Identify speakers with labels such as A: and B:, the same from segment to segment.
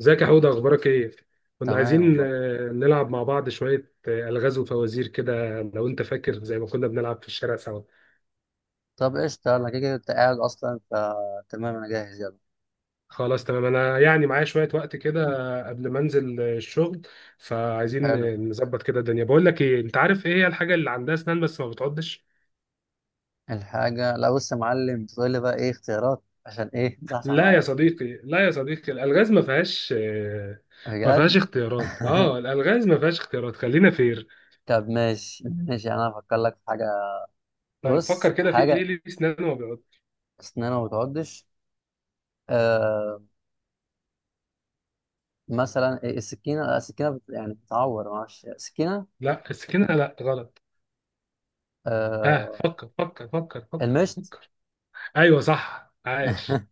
A: ازيك يا حوده، اخبارك ايه؟ كنا
B: تمام
A: عايزين
B: والله.
A: نلعب مع بعض شويه الغاز وفوازير كده، لو انت فاكر زي ما كنا بنلعب في الشارع سوا.
B: طب قشطة، انا كده كده انت قاعد اصلا، فتمام انا جاهز، يلا.
A: خلاص تمام، انا يعني معايا شويه وقت كده قبل ما انزل الشغل. فعايزين
B: حلو.
A: نظبط كده الدنيا. بقول لك ايه، انت عارف ايه هي الحاجه اللي عندها اسنان بس ما بتعضش؟
B: لا، بص يا معلم، تقول لي بقى ايه اختيارات عشان ايه تصحصح
A: لا يا
B: معايا.
A: صديقي لا يا صديقي الالغاز ما فيهاش ما فيهاش
B: بجد؟
A: اختيارات. اه الالغاز ما فيهاش اختيارات، خلينا فير.
B: طب ماشي ماشي، انا هفكر لك في حاجة.
A: طيب
B: بص،
A: فكر كده في ايه اللي
B: حاجة.
A: ليه اسنان وما بيعض.
B: اسنانها ما بتعضش. آه مثلا إيه؟ السكينة؟ لا، السكينة يعني بتعور، معرفش السكينة.
A: لا السكينه لا، غلط. ها،
B: آه
A: فكر فكر فكر فكر
B: المشط.
A: فكر. ايوه صح، عاش.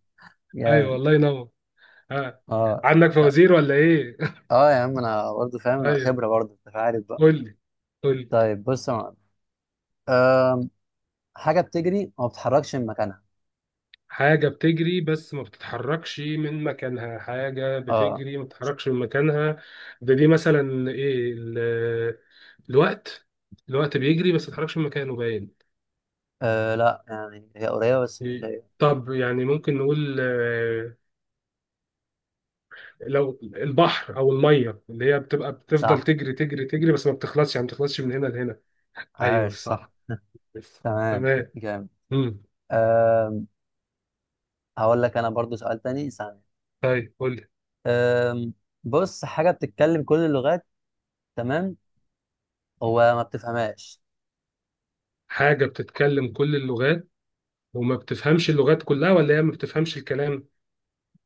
A: ايوه
B: جامد.
A: الله ينور. ها،
B: اه.
A: عندك
B: ط-
A: فوازير ولا ايه؟
B: اه، يا عم انا برضه فاهم، انا
A: ايوه،
B: خبرة برضه، انت عارف بقى.
A: قول لي قول لي.
B: طيب، بص يا معلم. آه، حاجة بتجري وما بتتحركش من مكانها.
A: حاجة بتجري بس ما بتتحركش من مكانها. حاجة
B: اه.
A: بتجري ما بتتحركش من مكانها. ده دي مثلا ايه الوقت. الوقت بيجري بس ما بيتحركش من مكانه، باين.
B: لا، يعني هي قريبة بس مش
A: إيه؟
B: هي.
A: طب يعني ممكن نقول لو البحر او الميه اللي هي بتبقى بتفضل
B: صح،
A: تجري تجري تجري بس ما بتخلصش، يعني ما بتخلصش من هنا لهنا. ايوه
B: عاش، صح.
A: صح. بس.
B: تمام.
A: تمام.
B: جامد.
A: امم.
B: آم، هقول لك انا برضو سؤال تاني، ثانية.
A: طيب قول لي.
B: آم، بص، حاجة بتتكلم كل اللغات. تمام. هو ما بتفهمهاش.
A: حاجه بتتكلم كل اللغات وما بتفهمش اللغات كلها، ولا هي ما بتفهمش الكلام؟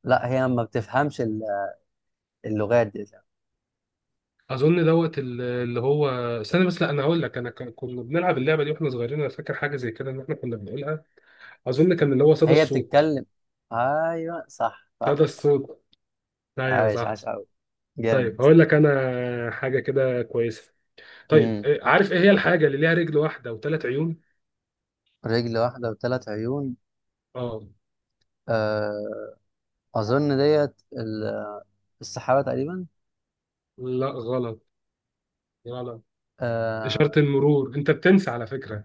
B: لا، هي ما بتفهمش اللغات دي.
A: اظن دوت اللي هو، استنى بس. لا انا هقول لك، انا كنا بنلعب اللعبه دي واحنا صغيرين، انا فاكر حاجه زي كده ان احنا كنا بنقولها. اظن كان اللي هو صدى
B: هي
A: الصوت.
B: بتتكلم. ايوه، صح صح
A: صدى
B: صح.
A: الصوت، ايوه
B: عاش،
A: صح.
B: عاش قوي. جامد.
A: طيب هقول لك انا حاجه كده كويسه. طيب
B: امم
A: عارف ايه هي الحاجه اللي ليها رجل واحده وثلاث عيون؟
B: رجل واحدة وثلاث عيون.
A: اه،
B: آه، اظن ديت السحابة تقريبا.
A: لا غلط، غلط. اشاره
B: آه
A: المرور، انت بتنسى على فكره.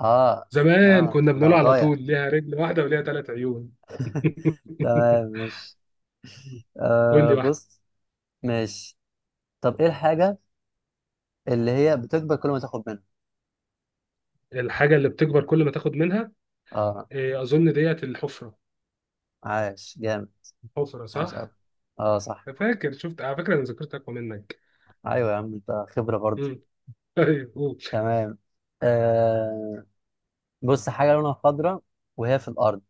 B: آه
A: زمان كنا
B: ده
A: بنقول
B: أنا
A: على
B: ضايع.
A: طول ليها رجل واحدة وليها ثلاث عيون.
B: تمام، مش
A: قول لي
B: آه
A: واحدة.
B: بص مش طب، إيه الحاجة اللي هي بتكبر كل ما تاخد منها؟
A: الحاجة اللي بتكبر كل ما تاخد منها.
B: آه
A: إيه، أظن ديت الحفرة.
B: عاش، جامد،
A: الحفرة
B: عاش أوي.
A: صح؟
B: آه، صح.
A: أنا فاكر شفت على فكرة، أنا ذاكرتي أقوى منك.
B: أيوة يا عم أنت خبرة برضه.
A: مم. طيب قول.
B: تمام. آه بص، حاجة لونها خضرا وهي في الأرض،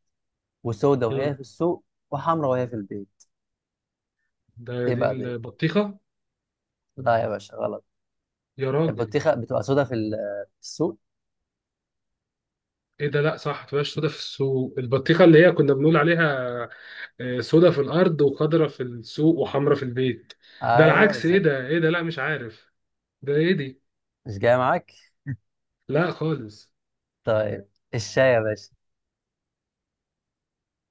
B: وسودة وهي
A: مم.
B: في السوق، وحمرا وهي في البيت.
A: ده
B: إيه
A: دي
B: بقى ده؟
A: البطيخة.
B: لا يا باشا، غلط.
A: يا راجل،
B: البطيخة بتبقى سودة في السوق.
A: إيه ده، لأ صح تبقاش سودا في السوق. البطيخة اللي هي كنا بنقول عليها سودا في الأرض وخضرة في السوق وحمرة في البيت. ده
B: أيوة
A: العكس، إيه
B: بالظبط.
A: ده إيه ده، لأ مش عارف. ده إيه دي؟
B: مش جاية معاك؟
A: لأ خالص.
B: طيب، الشاي يا باشا.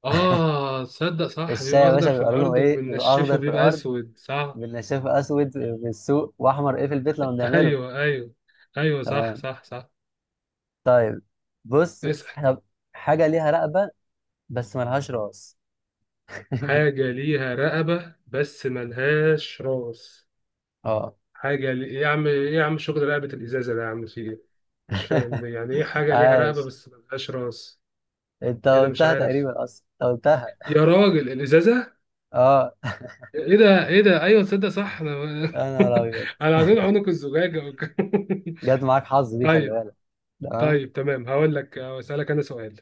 A: اه تصدق صح،
B: الشاي
A: بيبقى
B: يا
A: اخضر
B: باشا
A: في
B: بيبقى لونه
A: الارض
B: ايه؟ بيبقى
A: وبننشفه
B: اخضر في
A: بيبقى
B: الارض،
A: اسود، صح.
B: بالنشافه اسود في السوق، واحمر ايه في البيت لما بنعمله.
A: ايوه ايوه. ايوه صح
B: تمام.
A: صح صح.
B: طيب، بص.
A: اسأل.
B: طب، حاجه ليها رقبه بس ملهاش راس.
A: حاجة ليها رقبة بس ملهاش راس.
B: اه.
A: إيه يا عم، ايه يا عم، شغل رقبة الازازة ده يا عم، في ايه؟ مش فاهم يعني ايه حاجة ليها رقبة
B: عاش.
A: بس ملهاش راس.
B: انت
A: ايه ده مش
B: قلتها
A: عارف.
B: تقريبا، اصلا انت قلتها.
A: يا راجل الازازة.
B: اه،
A: ايه ده ايه ده، ايوه تصدق صح، انا
B: انا ابيض.
A: انا عايزين عنق الزجاجة.
B: جت معاك حظ دي، خلي
A: طيب.
B: بالك. تمام.
A: طيب تمام، هقول لك اسالك انا سؤال.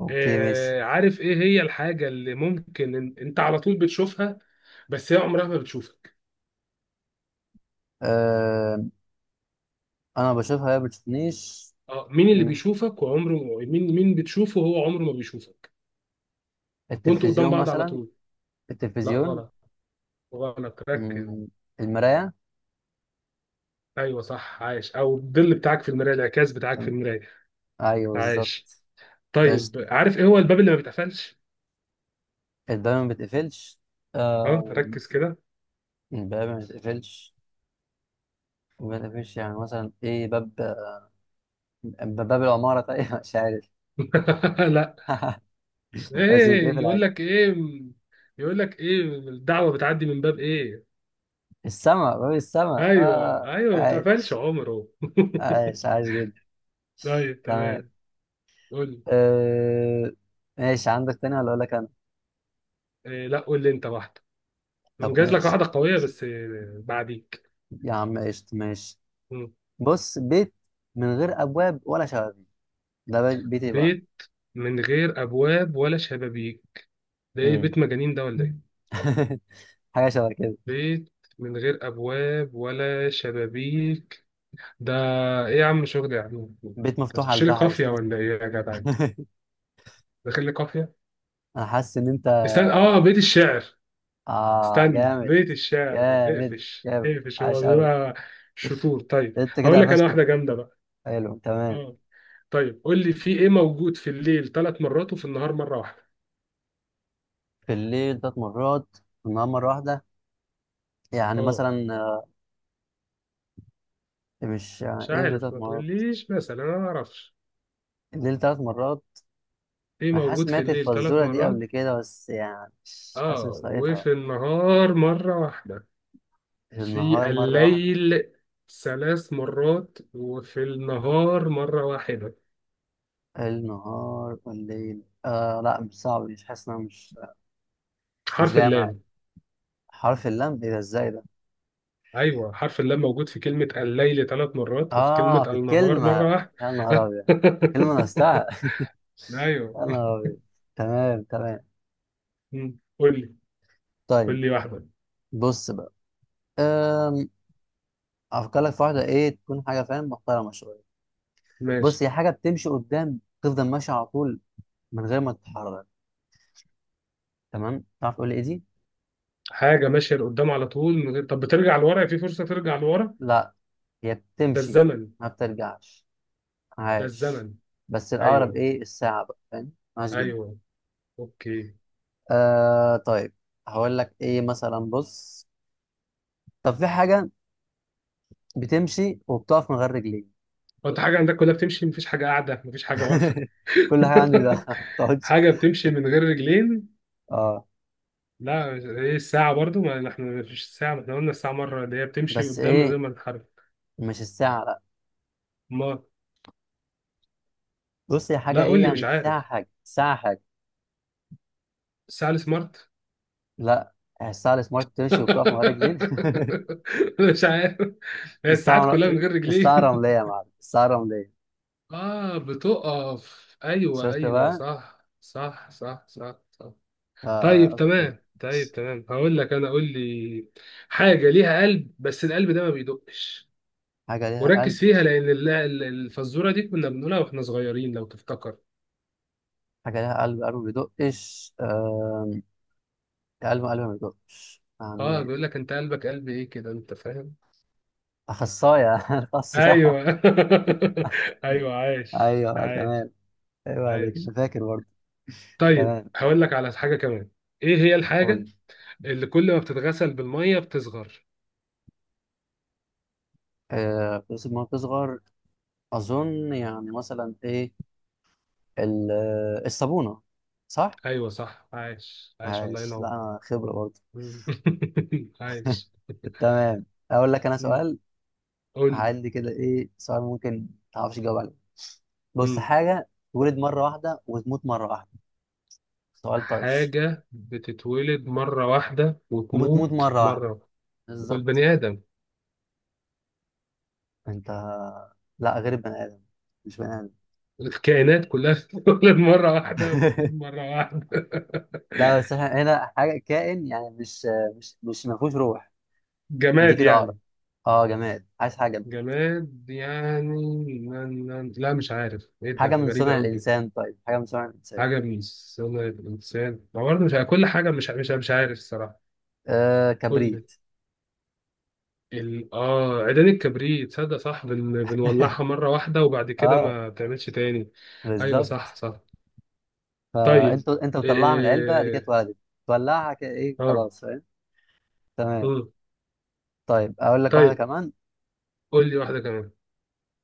B: اوكي ماشي.
A: عارف ايه هي الحاجة اللي ممكن انت على طول بتشوفها بس هي عمرها ما بتشوفك؟
B: آه انا بشوفها، هي ما بتشوفنيش.
A: اه، مين اللي
B: م-
A: بيشوفك وعمره. مين، مين بتشوفه وهو عمره ما بيشوفك، وانتوا قدام
B: التلفزيون
A: بعض على
B: مثلا.
A: طول؟ لا
B: التلفزيون.
A: غلط، غلط ركز.
B: م- المرايه.
A: ايوه صح، عايش. او الظل بتاعك في المراية، الانعكاس بتاعك في المراية.
B: ايوه بالظبط.
A: عايش.
B: قشطة.
A: طيب عارف ايه هو الباب اللي ما بيتقفلش؟
B: الباب ما بيتقفلش.
A: اه
B: آه.
A: ركز كده.
B: الباب ما بيتقفلش، يعني مثلا ايه باب؟ باب العمارة؟ طيب مش عارف.
A: لا.
B: بس
A: ايه
B: بيتقفل
A: يقول
B: عادي.
A: لك ايه، يقول لك ايه الدعوة بتعدي من باب ايه.
B: السما، باب السما،
A: ايوه
B: اه
A: ايوه، ما بيتقفلش
B: عايش.
A: عمره.
B: عايش، عايش جدا.
A: طيب
B: تمام.
A: تمام. قول لي.
B: آه ماشي، عندك تاني ولا اقول لك انا؟
A: إيه لا، قول لي انت واحده.
B: طب
A: مجهز لك
B: ماشي.
A: واحده قويه بس بعديك.
B: يا عم قشطة، ماشي.
A: مم.
B: بص، بيت من غير ابواب ولا شبابيك، ده بيت ايه بقى؟
A: بيت من غير ابواب ولا شبابيك. ده ايه،
B: مم.
A: بيت مجانين ده ولا ايه؟
B: حاجة شبه كده.
A: بيت من غير ابواب ولا شبابيك، ده ايه يا عم، شغل يا عم أنت،
B: بيت مفتوح على
A: هتخش لي
B: البحر،
A: قافيه
B: شوف انت.
A: ولا ايه يا جدع انت، داخل لي قافيه.
B: انا حاسس ان انت.
A: استنى اه، بيت الشعر.
B: اه
A: استنى
B: جامد،
A: بيت الشعر،
B: جامد،
A: اقفش
B: جامد.
A: اقفش، هو
B: عاش قوي.
A: بيبقى شطور. طيب
B: انت كده
A: هقول لك انا
B: قفشت.
A: واحده جامده بقى.
B: حلو، تمام.
A: اه. طيب قول لي، في ايه موجود في الليل ثلاث مرات وفي النهار مره واحده؟
B: في الليل ثلاث مرات، في النهار مره واحده. يعني
A: اه
B: مثلا مش،
A: مش
B: يعني ايه الليل
A: عارف،
B: ثلاث
A: ما
B: مرات؟
A: تقوليش مثلا انا ما اعرفش.
B: الليل ثلاث مرات؟
A: ايه
B: انا حاسس
A: موجود في
B: سمعت
A: الليل ثلاث
B: الفزوره دي
A: مرات.
B: قبل كده، بس يعني مش حاسس، مش
A: اه
B: لاقيتها.
A: وفي النهار مره واحده.
B: النهار
A: في
B: مره واحده.
A: الليل ثلاث مرات وفي النهار مره واحده.
B: النهار والليل، لا، مش صعب، مش حاسس ان انا مش
A: حرف
B: جاي معايا.
A: اللام.
B: حرف اللام، ايه ده؟ ازاي ده؟
A: ايوه حرف اللام موجود في كلمه الليل ثلاث مرات وفي كلمه
B: اه، في
A: النهار
B: الكلمه.
A: مره واحده.
B: يا نهار ابيض! كلمه نفسها.
A: ايوه.
B: يا نهار ابيض! تمام، تمام.
A: مم. قول لي.
B: طيب،
A: قول لي واحده.
B: بص بقى. أم... افكر لك في واحده، ايه تكون حاجه، فاهم، محترمه شويه.
A: ماشي.
B: بص، هي حاجه بتمشي قدام، تفضل ماشيه على طول من غير ما تتحرك. تمام، تعرف تقول لي ايه دي؟
A: حاجه ماشيه لقدام على طول من غير، طب بترجع لورا؟ في فرصه ترجع لورا؟
B: لا، هي
A: ده
B: بتمشي،
A: الزمن.
B: ما بترجعش.
A: ده
B: عاش.
A: الزمن.
B: بس الاقرب
A: ايوه
B: ايه؟ الساعه بقى، فاهم؟ عاش جدا.
A: ايوه. اوكي.
B: طيب، هقول لك ايه مثلا، بص. طب في حاجه بتمشي وبتقف من غير رجلين.
A: هو انت حاجه عندك كلها بتمشي، مفيش حاجه قاعده مفيش حاجه واقفه؟
B: كل حاجه عندي ده ما بتقعدش.
A: حاجه بتمشي من غير رجلين.
B: اه،
A: لا ايه الساعه برضو، ما احنا مفيش الساعه، ما احنا قلنا الساعه مره اللي هي بتمشي
B: بس
A: قدام من غير
B: ايه،
A: ما تتحرك.
B: مش الساعه، لا.
A: ما،
B: بص، هي حاجه
A: لا
B: ايه؟
A: قول لي مش
B: يعني ساعه
A: عارف.
B: حاجه، ساعه حاجه.
A: الساعه السمارت.
B: لا، الساعه السمارت تمشي وبتقف من غير رجلين.
A: مش عارف. هي الساعات
B: الساعه
A: كلها من غير
B: الساعه
A: رجلين.
B: رمليه يا معلم، الساعه رمليه.
A: اه بتقف، ايوه
B: شفت
A: ايوه
B: بقى؟
A: صح صح صح صح صح. طيب
B: اوكي.
A: تمام، طيب تمام، هقول لك انا. قول لي. حاجه ليها قلب بس القلب ده ما بيدقش.
B: حاجه ليها
A: وركز
B: قلب
A: فيها
B: بس.
A: لان الفزوره دي كنا بنقولها واحنا صغيرين لو تفتكر.
B: حاجه ليها قلب ما بيدقش. قلب ما بيدقش
A: اه
B: يعني.
A: بيقول لك انت قلبك قلب ايه كده، انت فاهم.
B: اخصائي اخص، صح.
A: ايوه ايوه عايش
B: ايوه، أيوه،
A: عايش.
B: تمام. ايوه عليك،
A: عايش.
B: انا فاكر برضه.
A: طيب
B: تمام،
A: هقول لك على حاجة كمان. ايه هي
B: قول
A: الحاجة
B: لي.
A: اللي كل ما بتتغسل بالمية بتصغر.
B: آه، بس ما بتصغر، اظن يعني مثلا ايه، الصابونه. صح،
A: ايوه صح، عايش عايش، الله
B: عايش. لا،
A: ينور.
B: انا خبرة برضه.
A: مم. عايش.
B: تمام، اقول لك انا
A: مم.
B: سؤال.
A: قول لي.
B: عندي كده ايه سؤال، ممكن تعرفش تجاوب عليه. بص،
A: مم.
B: حاجة تولد مرة واحدة وتموت مرة واحدة. سؤال طرش.
A: حاجة بتتولد مرة واحدة
B: وبتموت
A: وتموت
B: مرة واحدة،
A: مرة واحدة.
B: بالظبط.
A: والبني آدم.
B: انت. لا، غير البني ادم، مش بني ادم.
A: الكائنات كلها بتتولد مرة واحدة وتموت مرة واحدة.
B: لا، بس احنا هنا، حاجة كائن يعني مش مش مش ما فيهوش روح. دي
A: جماد
B: كده عقرب.
A: يعني.
B: اه جماد، عايز حاجة جماد.
A: جماد يعني، لا لا، لا، مش عارف ايه ده،
B: حاجة من
A: غريبة
B: صنع
A: قوي.
B: الإنسان، طيب حاجة من صنع الإنسان.
A: حاجة من صنع الإنسان، ما برضه مش كل حاجة مش مش عارف الصراحة.
B: آه،
A: كل
B: كبريت.
A: آه عيدان الكبريت، تصدق صح، بنولعها مرة واحدة وبعد كده
B: اه،
A: ما بتعملش تاني. أيوة
B: بالظبط.
A: صح صح. طيب
B: فانت بتطلعها من العلبه، قد كده
A: إيه...
B: اتولدت. تولعها كده، ايه
A: آه.
B: خلاص، فاهم. تمام.
A: مم.
B: طيب، اقول لك واحده
A: طيب
B: كمان.
A: قول لي واحدة كمان.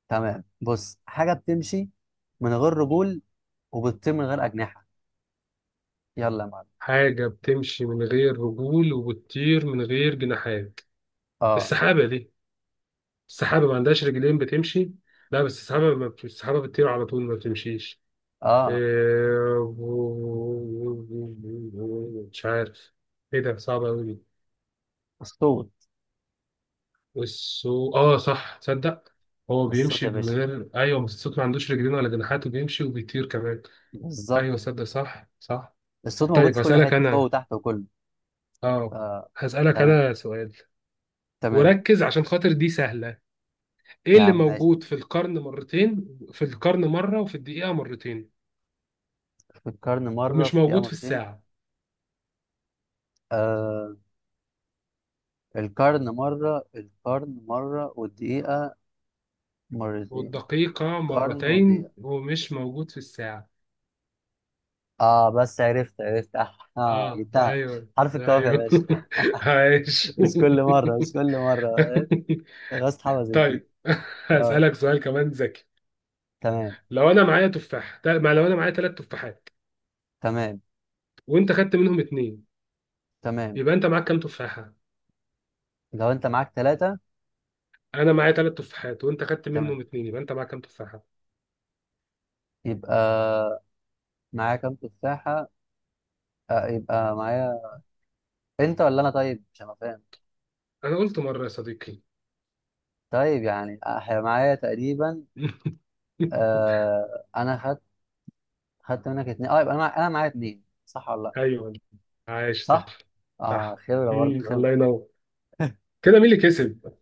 B: تمام، بص، حاجه بتمشي من غير رجول وبتطير من غير اجنحه، يلا يا معلم.
A: حاجة بتمشي من غير رجول وبتطير من غير جناحات.
B: اه،
A: السحابة دي، السحابة ما عندهاش رجلين بتمشي. لا بس السحابة ما بت- السحابة بتطير على طول ما بتمشيش.
B: اه،
A: إيه، مش عارف. ايه ده صعب قوي دي.
B: الصوت.
A: والسو اه صح تصدق، هو
B: الصوت
A: بيمشي
B: يا
A: من
B: باشا،
A: غير، ايوه بس الصوت ما عندوش رجلين ولا جناحات وبيمشي وبيطير كمان. ايوه
B: بالظبط.
A: صدق صح صح.
B: الصوت موجود
A: طيب
B: في كل
A: هسألك
B: حته، فوق
A: انا،
B: وتحت وكله.
A: اه،
B: آه.
A: هسألك
B: تمام،
A: انا سؤال.
B: تمام،
A: وركز عشان خاطر دي سهلة. ايه
B: يا
A: اللي
B: عم ماشي.
A: موجود في القرن مرتين، في القرن مرة وفي الدقيقة مرتين
B: في القرن مره،
A: ومش
B: في الدقيقه
A: موجود في
B: مرتين.
A: الساعة؟
B: آه. القرن مره، القرن مره، والدقيقه مرتين.
A: والدقيقة
B: قرن
A: مرتين
B: ودقيقه.
A: ومش موجود في الساعة.
B: اه، بس عرفت، اه،
A: اه
B: جبتها.
A: ايوه
B: حرف الكاف يا
A: ايوه.
B: باشا.
A: عايش.
B: مش كل مره، مش كل مره. غصب حفظت دي.
A: طيب.
B: اه،
A: هسألك سؤال كمان ذكي.
B: تمام،
A: لو انا معايا ما لو انا معايا ثلاث تفاحات
B: تمام،
A: وانت خدت منهم اتنين،
B: تمام.
A: يبقى انت معاك كام تفاحة؟
B: لو انت معاك ثلاثه.
A: انا معايا ثلاث تفاحات وانت خدت
B: تمام،
A: منهم اتنين، يبقى انت معاك كام تفاحة؟
B: يبقى معايا كام تفاحه؟ يبقى معايا، انت ولا انا؟ طيب، مش انا فاهم.
A: انا قلت مرة يا صديقي.
B: طيب يعني معايا تقريبا. انا خدت، خدت منك اتنين، اه، يبقى انا معايا اتنين، صح ولا لا؟
A: ايوه عايش صح
B: صح، اه،
A: صح.
B: خبره برضه،
A: مم.
B: خبره.
A: الله ينور. كده مين اللي كسب؟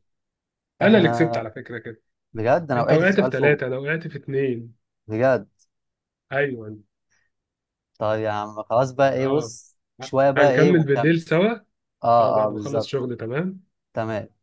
A: انا اللي كسبت
B: احنا.
A: على فكرة كده.
B: بجد، انا
A: انت
B: وقعت في
A: وقعت في
B: سؤال فوق.
A: ثلاثة انا وقعت في اتنين.
B: بجد.
A: ايوه.
B: طيب يا عم، خلاص بقى ايه،
A: اه،
B: بص شوية بقى ايه
A: هنكمل
B: ونكمل.
A: بالليل سوا. اه
B: اه، اه،
A: بعد ما اخلص
B: بالظبط،
A: شغل، تمام.
B: تمام.